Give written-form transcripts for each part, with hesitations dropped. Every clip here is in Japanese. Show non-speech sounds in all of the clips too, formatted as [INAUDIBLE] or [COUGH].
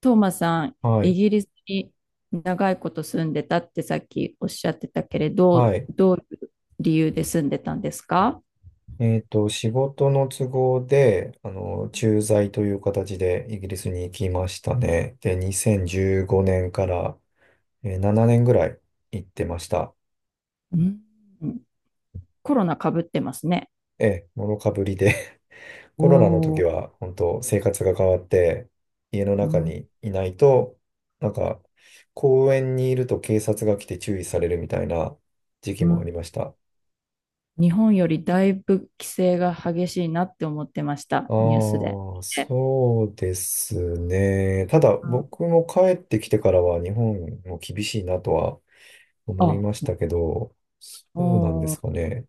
トーマさん、はイい。ギリスに長いこと住んでたってさっきおっしゃってたけれど、はい。どういう理由で住んでたんですか？仕事の都合で、駐在という形でイギリスに行きましたね。で、2015年から、7年ぐらい行ってました。うん。コロナかぶってますね。ええ、もろかぶりで [LAUGHS] おコロナの時ー。は、本当生活が変わって、家のう中ん、にいないと、なんか、公園にいると警察が来て注意されるみたいな時期うもありん。ました。日本よりだいぶ規制が激しいなって思ってました、ニュースで。ああ、で、そうですね。ただ、うん。僕も帰ってきてからは日本も厳しいなとは思いあ、ましたけど、そおうなんですー。かね。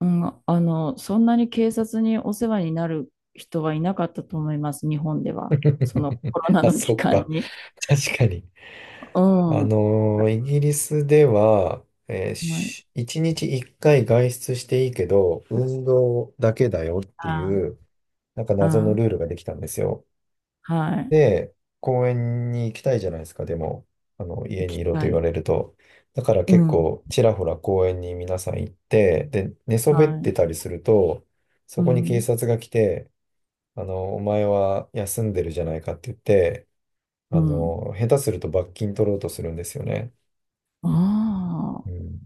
うん、そんなに警察にお世話になる人はいなかったと思います、日本では。その [LAUGHS] コロナあ、のそ期っ間か。に。確かに。うん。はイギリスでは、えーい。し一日一回外出していいけど、運動だけだよってあ、いう、謎のあ、ルールができたんですよ。はい。で、公園に行きたいじゃないですか、でも、行家にきいろとた言わい。れると。だからう結ん。構、ちらほら公園に皆さん行って、で、寝そべっはてい。たりすると、そうこに警ん。察が来て、お前は休んでるじゃないかって言って、うん。下手すると罰金取ろうとするんですよね。あうあ。ん。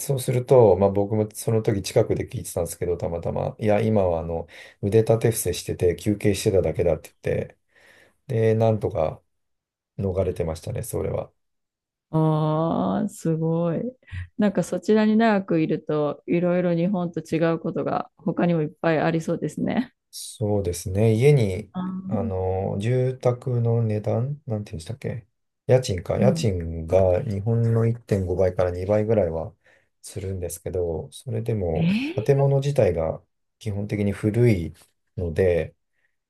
そうすると、まあ僕もその時近くで聞いてたんですけど、たまたま、いや、今は腕立て伏せしてて休憩してただけだって言って、で、なんとか逃れてましたね、それは。ああ、すごい。なんかそちらに長くいると、いろいろ日本と違うことが他にもいっぱいありそうですね。そうですね。家に、あー。住宅の値段、なんて言うんでしたっけ、家賃か。う家ん。賃が日本の1.5倍から2倍ぐらいはするんですけど、それでえも建ー物自体が基本的に古いので、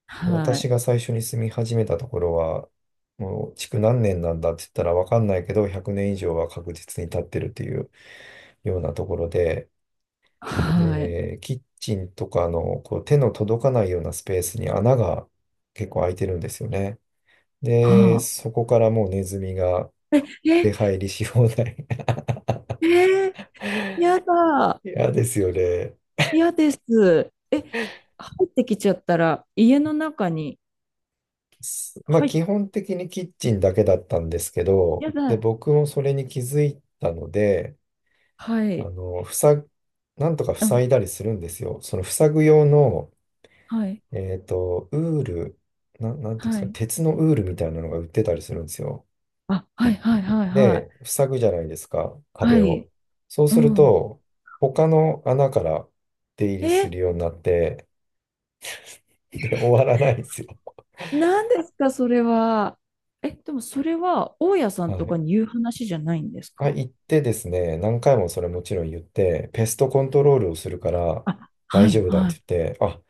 は私い。が最初に住み始めたところは、もう築何年なんだって言ったらわかんないけど、100年以上は確実に経ってるっていうようなところで、はい。で、キッチンとかのこう手の届かないようなスペースに穴が結構開いてるんですよね。はで、あ。そこからもうネズミが出え、入りし放題。えー、やだ。[LAUGHS] 嫌ですよね。嫌です。え、入ってきちゃったら、家の中に、まあはい、基本的にキッチンだけだったんですけやど、で、だ。僕もそれに気づいたので、はあい。の、塞ぐ、なんとかうん、塞いだりするんですよ。その塞ぐ用の、はい。えっと、ウール、な、なんていうんではすか、い。鉄のウールみたいなのが売ってたりするんですよ。あ、はい、はい、はい、はで、い。塞ぐじゃないですか、は壁い。を。そううするん。と、他の穴から出入りすえ、るようになって、で、終わらないんですよ。何ですか、それは。え、でもそれは、大家さはんとかい。に言う話じゃないんですあ、か？行ってですね、何回もそれもちろん言って、ペストコントロールをするからあ、大はい、丈夫だっはてい、言って、あ、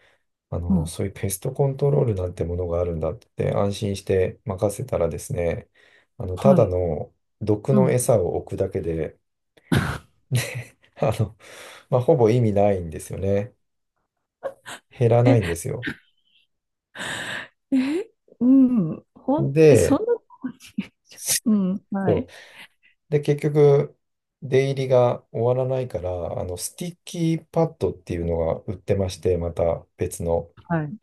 あうん、そういうペストコントロールなんてものがあるんだって言って安心して任せたらですね、たはだい、の毒うのん。餌を置くだけで、[LAUGHS] あの、まあ、ほぼ意味ないんですよね。減らないんでえ、すよ。え、うん、え、そんで、なとこに。 [LAUGHS] うん、はそう。い、で、結局、出入りが終わらないから、スティッキーパッドっていうのが売ってまして、また別の。はい。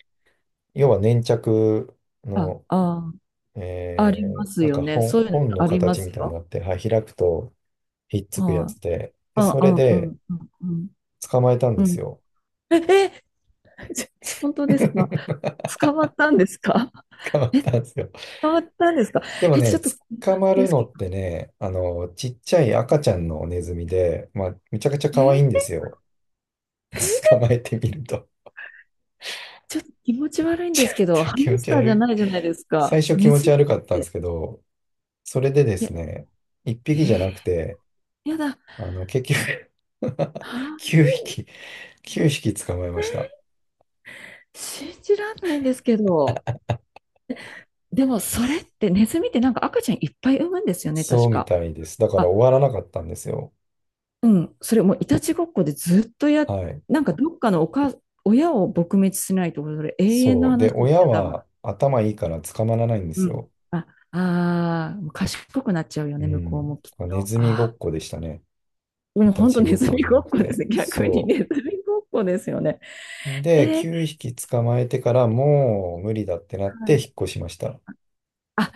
要は粘着あ、の、あ、ありますよね。そういう本ののありま形すみたいになよ。って、はい、開くとひっつくやはつい。で、で、あ、そあ、れうん、うでん、うん、捕まえたんでうすん。よ。え、え、ち本当 [LAUGHS] ですか？捕捕まったんですか？まったんですよ。捕まったんですか？でもえ、ちょね、っと怖捕まいんでるすのけっど。てね、ちっちゃい赤ちゃんのネズミで、まあ、めちゃくちゃ可愛いんでえ。すよ。[LAUGHS] 捕まえてみると。ちょっと気持ち悪いんちでょっすけど、とハ気ム持スちターじ悪ゃい。ないじゃないですか。最初気ネ持ズちミ悪かったんでって。すけど、それででいすや、ね、1え匹じゃー、なくて、やだ。は結局 [LAUGHS] あ、9匹、9匹捕まえました。信じらんないんですけど。でも、それって、ネズミってなんか赤ちゃんいっぱい産むんですよね、そ確うみか。たいです。だからあ、終わらなかったんですよ。うん。それもういたちごっこでずっとはい。なんかどっかの親を撲滅しないと、それ永遠のそう。で、話です親よ、多分。は頭いいから捕まらないんでうすん。よ。あ、あー、賢くなっちゃうようね、向こうもん。きっネと。ズミごあっこでしたね。ー、もイうタ本当チネごっズこミじゃごなっくこですて。ね。逆にそネズミごっこですよね。う。えで、ー、9匹捕まえてからもう無理だってなって引っ越しました。あ、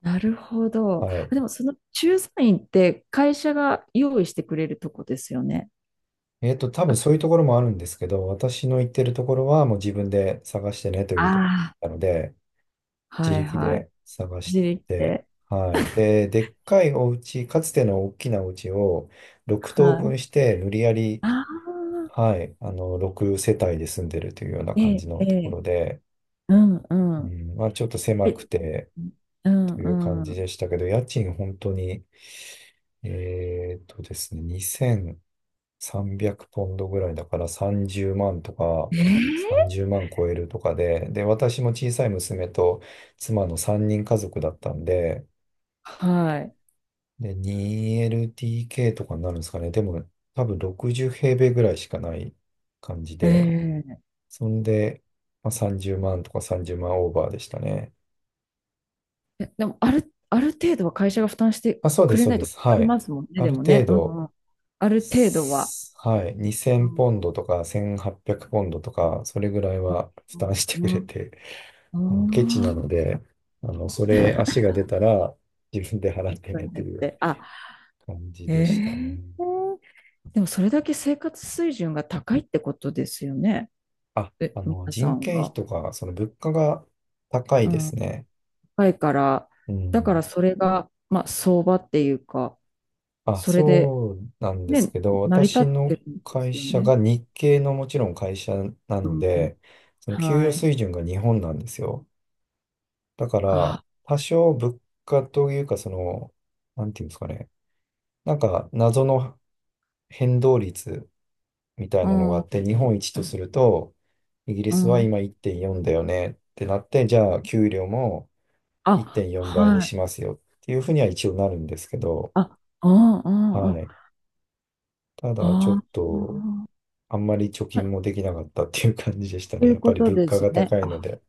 なるほど。はい。あ、でもその駐在員って会社が用意してくれるとこですよね。多分あ、そういうところもあるんですけど、私の行ってるところはもう自分で探してねというとこあろなので、あ、は自い、力はい。で探し自力て、で。はい。で、でっかいお家、かつての大きなお家を6等はい。分して無理やり、ああ、はい、6世帯で住んでるというようなえ感じえ、のえとこえ、ろで、うんううん。ん、まあちょっと狭え、くてうんという感うじん。でしたけど、家賃本当に、えっとですね、300ポンドぐらいだから30万とか、ええ、30万超えるとかで、で、私も小さい娘と妻の3人家族だったんで、はい。で、2 l t k とかになるんですかね。でも、多分60平米ぐらいしかない感じえで、え。そんで、まあ、30万とか30万オーバーでしたね。え、でもある程度は会社が負担してあ、そうでくす、れそうないでとす。困はりい。ますもんね、あでるも程ね。うんう度、ん。ある程度は。はい、う2000ポンんドとか1800ポンドとか、それぐらいは負う担ん、してくうんうれん。て、うあのケチんうなんので、それ足が出たら自分で払ってねにとなっいうて。あ、感じでえしたーね。でもそれだけ生活水準が高いってことですよね。あ、え、皆さ人ん件が。費とか、その物価が高いうですん、ね。高いから、うだかん。らそれが、まあ、相場っていうか、あ、それで、そうなんですね、けど、成り立っ私てのるんで会すよ社ね。が日系のもちろん会社なうのん、うん、で、その給与はい。水準が日本なんですよ。だから、あ、多少物価というか、その、なんていうんですかね。謎の変動率みたいうなのがあっん、て、日本一とすると、イギリうスはん。今1.4だよねってなって、じゃあ、給料もあ、1.4倍にはい。しますよっていうふうには一応なるんですけど、あ、うん、うん、うはん。い。ただ、ちょあっと、あんまり貯あ、金もできなかったっていう感じでしたそうね。いうやっぱこりと物で価がすね。高いのあ、で。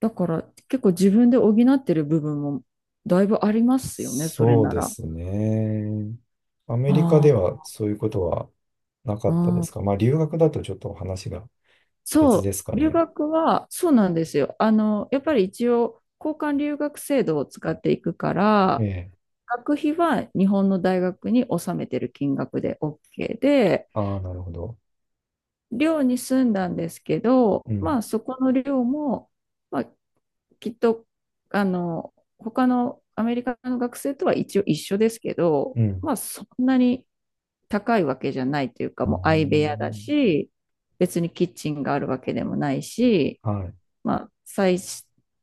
だから結構自分で補ってる部分もだいぶありますよね、それそうなでら。すね。アメリカあでー。はそういうことはなかあー、ったでうすん。か？まあ、留学だとちょっと話が別そですかう、留ね。学はそうなんですよ。やっぱり一応交換留学制度を使っていくかえら、え。学費は日本の大学に納めてる金額で OK で、ああ、なるほど。寮に住んだんですけうど、ん。まあそこの寮も、まあ、きっと他のアメリカの学生とは一応一緒ですけうど、ん。うまあそんなに高いわけじゃないというか、ーもう相部屋だん、し、別にキッチンがあるわけでもないし、はまあ、最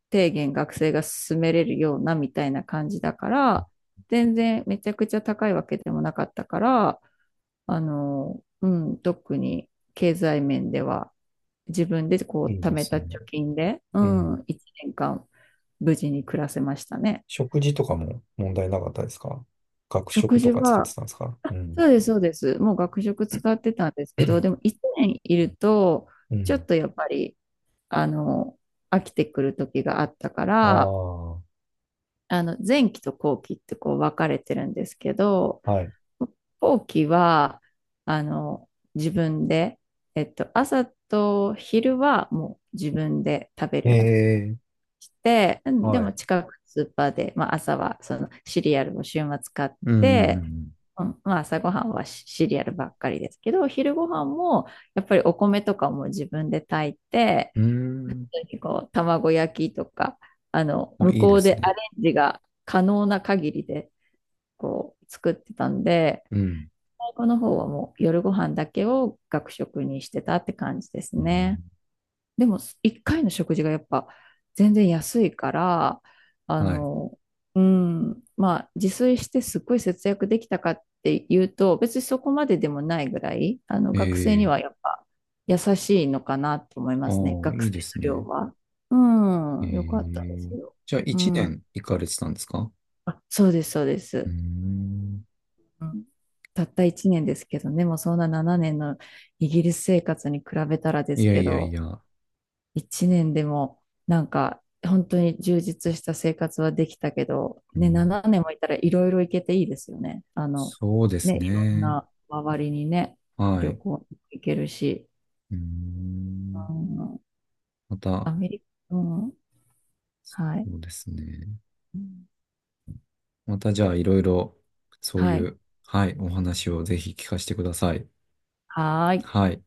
低限学生が進めれるようなみたいな感じだから、全然めちゃくちゃ高いわけでもなかったから、うん、特に経済面では自分でこい。いいう貯でめすたね。貯金で、ううん。ん、1年間無事に暮らせましたね。食事とかも問題なかったですか？学食食と事か使っては、たんですか？あ、うん。そうです、そうです。もう学食使ってたんですけど、でも1年いると、うちょん。っとやっぱり、あの、飽きてくる時があったから、ああ、前期と後期ってこう分かれてるんですけど、はい。後期は、あの、自分で、朝と昼はもう自分で食べえるえ、して、うん、ではもい。近くのスーパーで、まあ、朝はそのシリアルを週末買っうん、うて、ん、うん、まあ、朝ごはんはシシリアルばっかりですけど、昼ごはんもやっぱりお米とかも自分で炊いて、うん、うん。う本当にこう卵焼きとか、ーん。あ、向いいこでうすでアレね。ンジが可能な限りでこう作ってたんで、うん。最後の方はもう夜ご飯だけを学食にしてたって感じですうね。ん、でも、1回の食事がやっぱ全然安いから、あはい。の、うん、まあ、自炊してすっごい節約できたかっていうと、別にそこまででもないぐらい、学生にええ、はやっぱ優しいのかなと思いまあすね、あ、学い生いですの量ね。は。うえん、よかったですえ。よ。じゃあ、う一ん。年行かれてたんですか？あ、そうです、そうでうーす。ん。うん、たった1年ですけどね、もうそんな7年のイギリス生活に比べたらでいすやけいやいど、や。一年でもなんか本当に充実した生活はできたけど、うね、ん、7年もいたらいろいろ行けていいですよね。そうですね、いろんね。な周りにね、はい。旅う行行けるし、ーん。うん、まアた、メリカ、うん、はい、そうですね。また、じゃあ、いろいろ、そうはいい、う、はい、お話をぜひ聞かせてください。はーい。はい。